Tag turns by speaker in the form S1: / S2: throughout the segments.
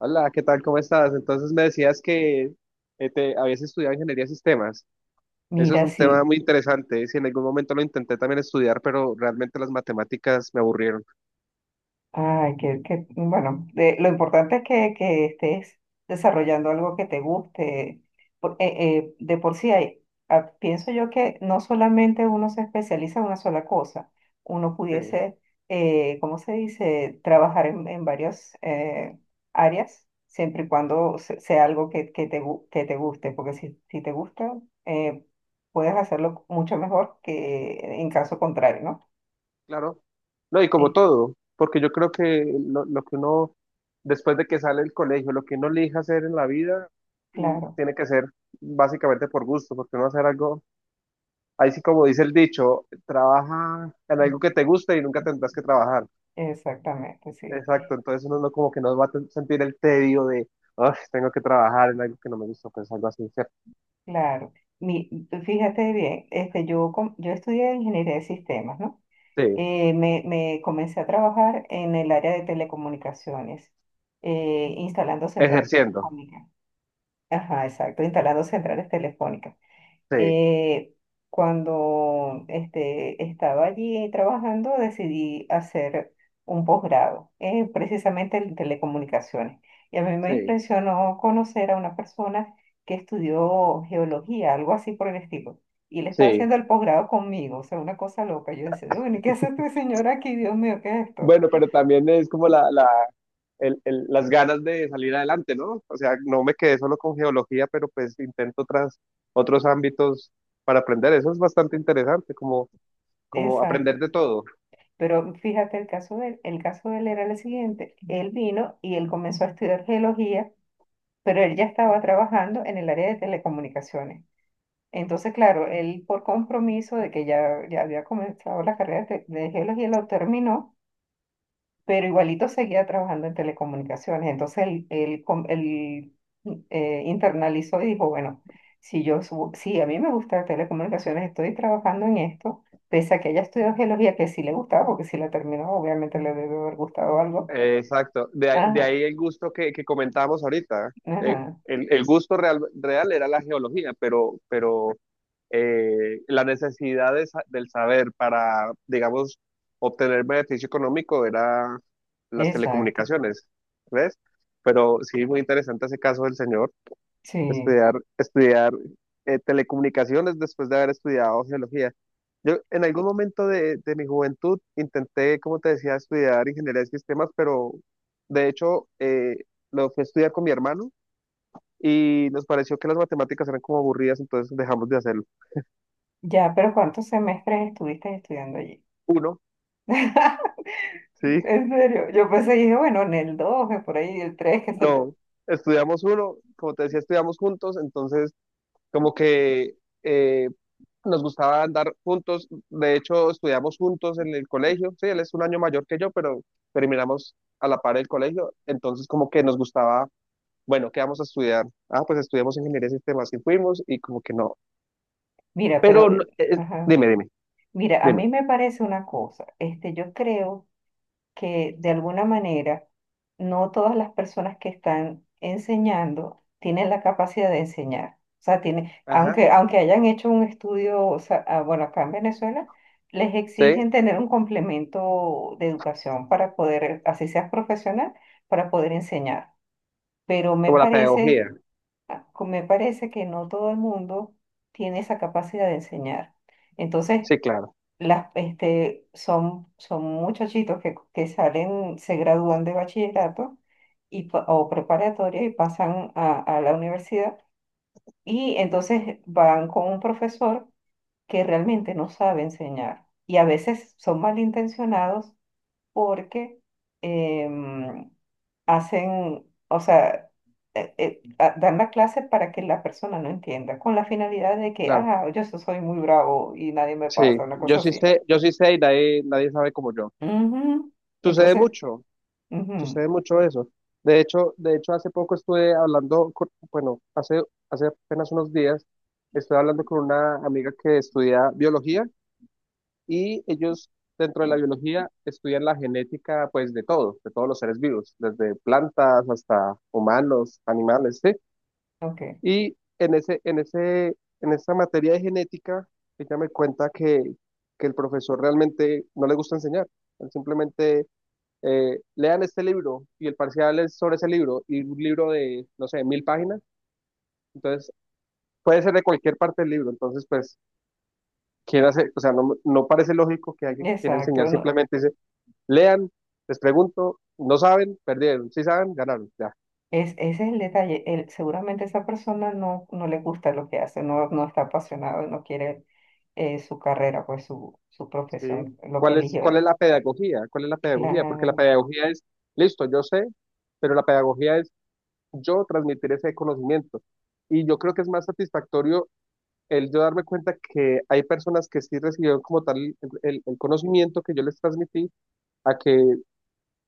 S1: Hola, ¿qué tal? ¿Cómo estás? Entonces me decías que te habías estudiado ingeniería de sistemas. Eso es
S2: Mira,
S1: un tema
S2: sí.
S1: muy interesante. Si en algún momento lo intenté también estudiar, pero realmente las matemáticas me aburrieron.
S2: Ay, bueno, lo importante es que estés desarrollando algo que te guste. De por sí hay, pienso yo que no solamente uno se especializa en una sola cosa, uno
S1: Eh,
S2: pudiese, ¿cómo se dice?, trabajar en varias áreas, siempre y cuando sea algo que te guste, porque si te gusta, eh, puedes hacerlo mucho mejor que en caso contrario, ¿no?
S1: claro. No, y como
S2: Eh,
S1: todo, porque yo creo que lo que uno, después de que sale del colegio, lo que uno elija hacer en la vida,
S2: claro.
S1: tiene que ser básicamente por gusto, porque uno va a hacer algo, ahí sí como dice el dicho, trabaja en algo que te guste y nunca tendrás que trabajar.
S2: Exactamente, sí,
S1: Exacto, entonces uno no como que no va a sentir el tedio de, "Ay, tengo que trabajar en algo que no me gusta, pues algo así", ¿cierto?
S2: claro. Tú fíjate bien, este, yo estudié ingeniería de sistemas, ¿no?
S1: Sí,
S2: Me comencé a trabajar en el área de telecomunicaciones, instalando centrales
S1: ejerciendo,
S2: telefónicas. Ajá, exacto, instalando centrales telefónicas.
S1: sí,
S2: eh, cuando este, estaba allí trabajando, decidí hacer un posgrado, precisamente en telecomunicaciones. Y a mí me
S1: sí,
S2: impresionó conocer a una persona que estudió geología, algo así por el estilo. Y él estaba
S1: sí.
S2: haciendo el posgrado conmigo, o sea, una cosa loca. Yo decía, bueno, ¿y qué hace este señor aquí? Dios mío, ¿qué es esto?
S1: Bueno, pero también es como las ganas de salir adelante, ¿no? O sea, no me quedé solo con geología, pero pues intento otros ámbitos para aprender. Eso es bastante interesante, como aprender
S2: Exacto.
S1: de todo.
S2: Pero fíjate, el caso de él, el caso de él era el siguiente. Él vino y él comenzó a estudiar geología, pero él ya estaba trabajando en el área de telecomunicaciones. Entonces, claro, él por compromiso de que ya había comenzado la carrera de geología, lo terminó, pero igualito seguía trabajando en telecomunicaciones. Entonces, internalizó y dijo, bueno, si si a mí me gusta telecomunicaciones, estoy trabajando en esto, pese a que haya estudiado geología, que sí le gustaba, porque si la terminó, obviamente le debe haber gustado algo.
S1: Exacto. De, ahí de
S2: Ajá,
S1: ahí el gusto que comentábamos ahorita. Eh,
S2: ajá,
S1: el, el gusto real, real era la geología, pero la necesidad de del saber para, digamos, obtener beneficio económico era las
S2: exacto.
S1: telecomunicaciones, ¿ves? Pero sí, muy interesante ese caso del señor
S2: Sí.
S1: estudiar telecomunicaciones después de haber estudiado geología. Yo en algún momento de mi juventud intenté, como te decía, estudiar ingeniería de sistemas, pero de hecho lo fui a estudiar con mi hermano y nos pareció que las matemáticas eran como aburridas, entonces dejamos de hacerlo.
S2: Ya, pero ¿cuántos semestres estuviste estudiando allí?
S1: Uno, sí,
S2: En serio, yo pensé, dije, bueno, en el 2, por ahí, el 3, qué sé yo.
S1: no, estudiamos uno, como te decía, estudiamos juntos, entonces como que... eh, nos gustaba andar juntos, de hecho estudiamos juntos en el colegio, sí, él es un año mayor que yo, pero terminamos a la par del colegio, entonces como que nos gustaba, bueno, ¿qué vamos a estudiar? Ah, pues estudiamos ingeniería de sistemas y fuimos y como que no,
S2: Mira,
S1: pero
S2: pero, eh, ajá.
S1: dime, dime,
S2: Mira, a
S1: dime,
S2: mí me parece una cosa, este, yo creo que de alguna manera no todas las personas que están enseñando tienen la capacidad de enseñar. O sea, tienen,
S1: ajá,
S2: aunque hayan hecho un estudio, o sea, ah, bueno, acá en Venezuela, les
S1: sí,
S2: exigen tener un complemento de educación para poder, así seas profesional, para poder enseñar. Pero me
S1: como la
S2: parece,
S1: pedagogía,
S2: me parece que no todo el mundo tiene esa capacidad de enseñar. Entonces,
S1: sí, claro,
S2: son muchachitos que salen, se gradúan de bachillerato y, o preparatoria y pasan a la universidad y entonces van con un profesor que realmente no sabe enseñar y a veces son malintencionados porque em, hacen, o sea, dan la clase para que la persona no entienda, con la finalidad de que,
S1: claro,
S2: ah, yo soy muy bravo y nadie me
S1: sí,
S2: pasa, una cosa así.
S1: yo sí sé y nadie, nadie sabe como yo.
S2: Ujú.
S1: Sucede
S2: Entonces,
S1: mucho,
S2: ujú,
S1: sucede mucho eso. De hecho, hace poco estuve hablando, bueno, hace apenas unos días, estuve hablando con una amiga que estudia biología y ellos dentro de la biología estudian la genética, pues, de todo, de todos los seres vivos, desde plantas hasta humanos, animales, ¿sí?
S2: ok,
S1: Y en en esa materia de genética, ella me cuenta que el profesor realmente no le gusta enseñar, él simplemente lean este libro y el parcial es sobre ese libro y un libro de, no sé, 1.000 páginas, entonces puede ser de cualquier parte del libro, entonces pues quiere hacer, o sea, no parece lógico que alguien quiera enseñar
S2: exacto. No,
S1: simplemente dice, lean, les pregunto, no saben, perdieron, si saben, ganaron, ya,
S2: es, ese es el detalle. Seguramente esa persona no le gusta lo que hace, no está apasionado, no quiere su carrera, pues su
S1: ¿sí?
S2: profesión, lo que
S1: ¿Cuál es,
S2: eligió
S1: cuál
S2: él.
S1: es la pedagogía? ¿Cuál es la pedagogía? Porque la
S2: Claro,
S1: pedagogía es, listo, yo sé, pero la pedagogía es yo transmitir ese conocimiento. Y yo creo que es más satisfactorio el yo darme cuenta que hay personas que sí recibieron como tal el conocimiento que yo les transmití, a que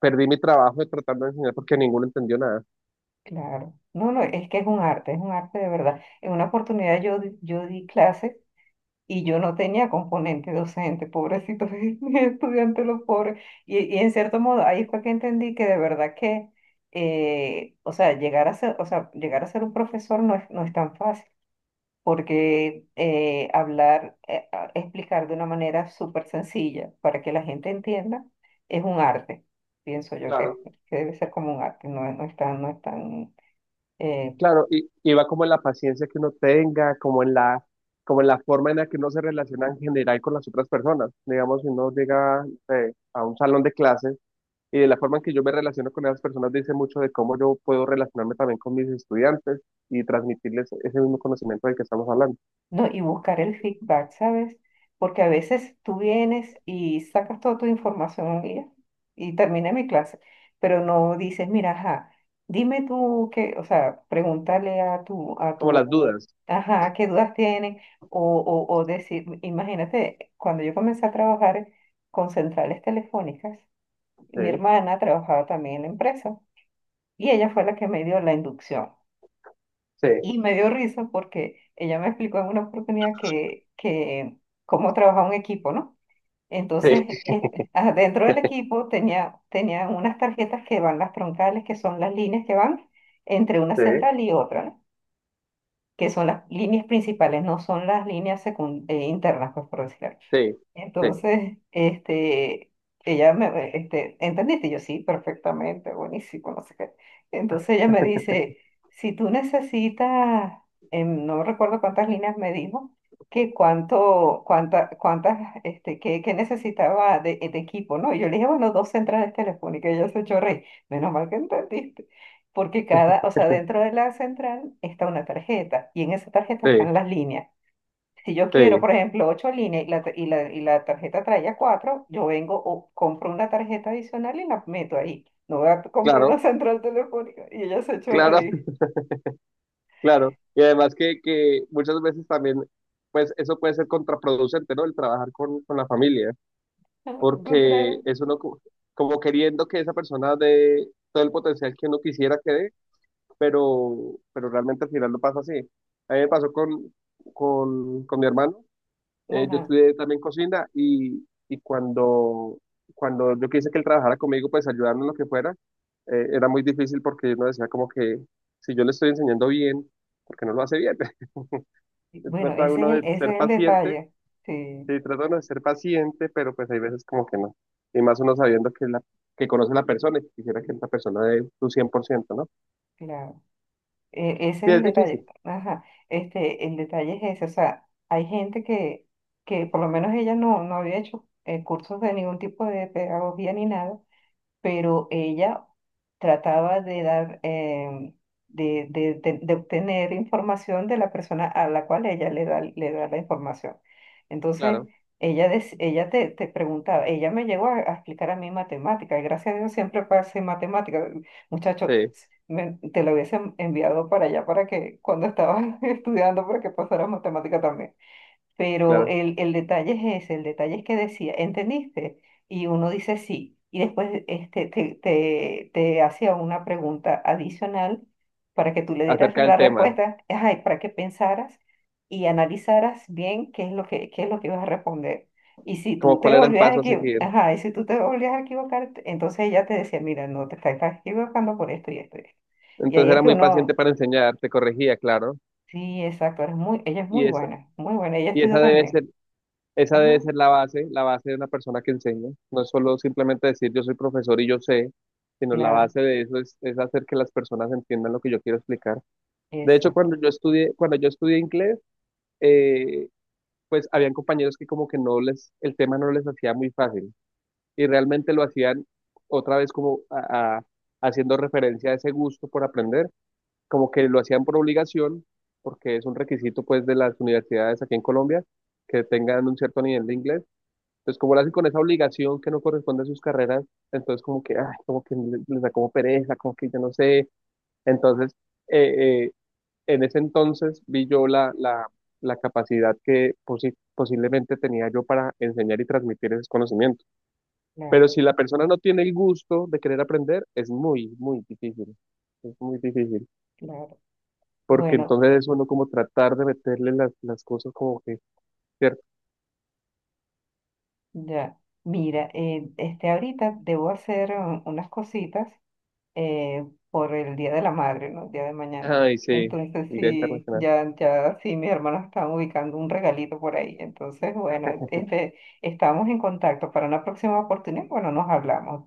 S1: perdí mi trabajo de tratando de enseñar porque ninguno entendió nada.
S2: claro. No, no, es que es un arte de verdad. En una oportunidad yo di clases y yo no tenía componente docente, pobrecitos mis estudiantes, los pobres. Y en cierto modo, ahí fue que entendí que de verdad que, o sea, llegar a ser, o sea, llegar a ser un profesor no es, no es tan fácil, porque explicar de una manera súper sencilla para que la gente entienda es un arte. Pienso yo
S1: Claro.
S2: que debe ser como un arte, no, no es tan, no es tan, eh,
S1: Claro, y va como en la paciencia que uno tenga, como en la forma en la que uno se relaciona en general con las otras personas. Digamos, si uno llega, no sé, a un salón de clases y de la forma en que yo me relaciono con esas personas dice mucho de cómo yo puedo relacionarme también con mis estudiantes y transmitirles ese mismo conocimiento del que estamos hablando,
S2: No, y buscar el feedback, ¿sabes? Porque a veces tú vienes y sacas toda tu información un día y termina mi clase, pero no dices, mira, ajá, dime tú qué, o sea, pregúntale a
S1: como las
S2: tu,
S1: dudas,
S2: ajá, qué dudas tienen, o decir, imagínate, cuando yo comencé a trabajar con centrales telefónicas, mi
S1: ¿sí?
S2: hermana trabajaba también en la empresa y ella fue la que me dio la inducción.
S1: Sí.
S2: Y me dio risa porque ella me explicó en una oportunidad que cómo trabaja un equipo, ¿no? Entonces,
S1: Sí,
S2: este, ah, dentro del equipo tenía unas tarjetas que van las troncales, que son las líneas que van entre una
S1: sí,
S2: central y otra, ¿no? Que son las líneas principales, no son las líneas internas, pues por decirlo.
S1: sí, sí,
S2: Entonces, este, ella me, este, ¿entendiste? Y yo sí, perfectamente, buenísimo, no sé qué. Entonces ella me dice, si tú necesitas, no recuerdo cuántas líneas me dijo, cuántas, este, que, necesitaba de equipo, ¿no? Y yo le dije, bueno, dos centrales telefónicas, y ella se echó a reír. Menos mal que entendiste. Porque cada, o sea, dentro de la central está una tarjeta, y en esa tarjeta
S1: sí,
S2: están las líneas. Si yo quiero,
S1: sí,
S2: por ejemplo, ocho líneas y la tarjeta traía cuatro, yo vengo o compro una tarjeta adicional y la meto ahí. No voy a comprar
S1: claro,
S2: una central telefónica y ella se echó a
S1: claro,
S2: reír.
S1: claro. Y además que muchas veces también, pues eso puede ser contraproducente, ¿no? El trabajar con la familia,
S2: ¿Tú crees?
S1: porque es uno como queriendo que esa persona dé todo el potencial que uno quisiera que dé, pero realmente al final no pasa así. A mí me pasó con mi hermano. Yo
S2: Ajá.
S1: estudié también cocina y cuando yo quise que él trabajara conmigo, pues ayudarme en lo que fuera, era muy difícil porque uno decía como que si yo le estoy enseñando bien, ¿por qué no lo hace bien?
S2: Y bueno,
S1: Trata uno de
S2: ese
S1: ser
S2: es el
S1: paciente,
S2: detalle. Sí,
S1: sí, trata uno de ser paciente, pero pues hay veces como que no. Y más uno sabiendo que conoce a la persona y que quisiera que esta persona dé su 100%, ¿no?
S2: claro. Ese
S1: Sí,
S2: es
S1: es
S2: el detalle.
S1: difícil,
S2: Ajá. Este, el detalle es ese. O sea, hay gente que por lo menos ella no, no había hecho cursos de ningún tipo de pedagogía ni nada, pero ella trataba de dar, de obtener información de la persona a la cual ella le da la información. Entonces,
S1: claro,
S2: ella te preguntaba, ella me llegó a explicar a mí matemática, y gracias a Dios siempre pasé matemática. Muchacho,
S1: sí,
S2: te lo hubiesen enviado para allá para que cuando estabas estudiando para que pasaras matemática también. Pero
S1: claro.
S2: el detalle es ese, el detalle es que decía, ¿entendiste? Y uno dice sí, y después este, te hacía una pregunta adicional para que tú le dieras
S1: Acerca
S2: la
S1: del tema,
S2: respuesta, ay, para que pensaras y analizaras bien qué es lo que, qué es lo que ibas a responder. Y si tú
S1: como
S2: te
S1: cuál era el
S2: volvías a
S1: paso a
S2: equivocar,
S1: seguir.
S2: ajá, y si tú te volvías a equivocar, entonces ella te decía, mira, no te estás equivocando por esto y esto. Y esto. Y ahí
S1: Entonces
S2: es
S1: era
S2: que
S1: muy paciente
S2: uno,
S1: para enseñar, te corregía, claro.
S2: sí, exacto, eres muy, ella es
S1: Y esa,
S2: muy buena, ella
S1: y
S2: estudia también.
S1: esa debe
S2: Ajá,
S1: ser la base, de una persona que enseña. No es solo simplemente decir yo soy profesor y yo sé, sino la
S2: claro.
S1: base de eso es hacer que las personas entiendan lo que yo quiero explicar. De hecho,
S2: Exacto,
S1: cuando yo estudié inglés, eh, pues habían compañeros que como que no les, el tema no les hacía muy fácil y realmente lo hacían otra vez como haciendo referencia a ese gusto por aprender como que lo hacían por obligación, porque es un requisito pues de las universidades aquí en Colombia, que tengan un cierto nivel de inglés. Entonces, como lo hacen con esa obligación que no corresponde a sus carreras, entonces como que, ay, como que les da como pereza, como que yo no sé. Entonces, eh, eh, en ese entonces vi yo la capacidad que posiblemente tenía yo para enseñar y transmitir esos conocimientos. Pero
S2: claro,
S1: si la persona no tiene el gusto de querer aprender, es muy, muy difícil. Es muy difícil
S2: claro.
S1: porque
S2: Bueno,
S1: entonces es uno como tratar de meterle las cosas como que, ¿cierto?
S2: ya, mira, este ahorita debo hacer unas cositas eh, por el Día de la Madre, ¿no? El día de mañana.
S1: Ay, sí,
S2: Entonces
S1: el Día
S2: sí,
S1: Internacional.
S2: ya sí, mis hermanos están ubicando un regalito por ahí. Entonces, bueno, este, estamos en contacto para una próxima oportunidad. Bueno, nos hablamos.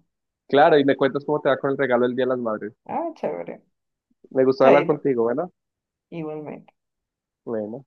S1: Claro, y me cuentas cómo te va con el regalo del Día de las Madres.
S2: Ah, chévere.
S1: Me gustó hablar
S2: Chaito,
S1: contigo, ¿verdad?
S2: igualmente.
S1: Bueno.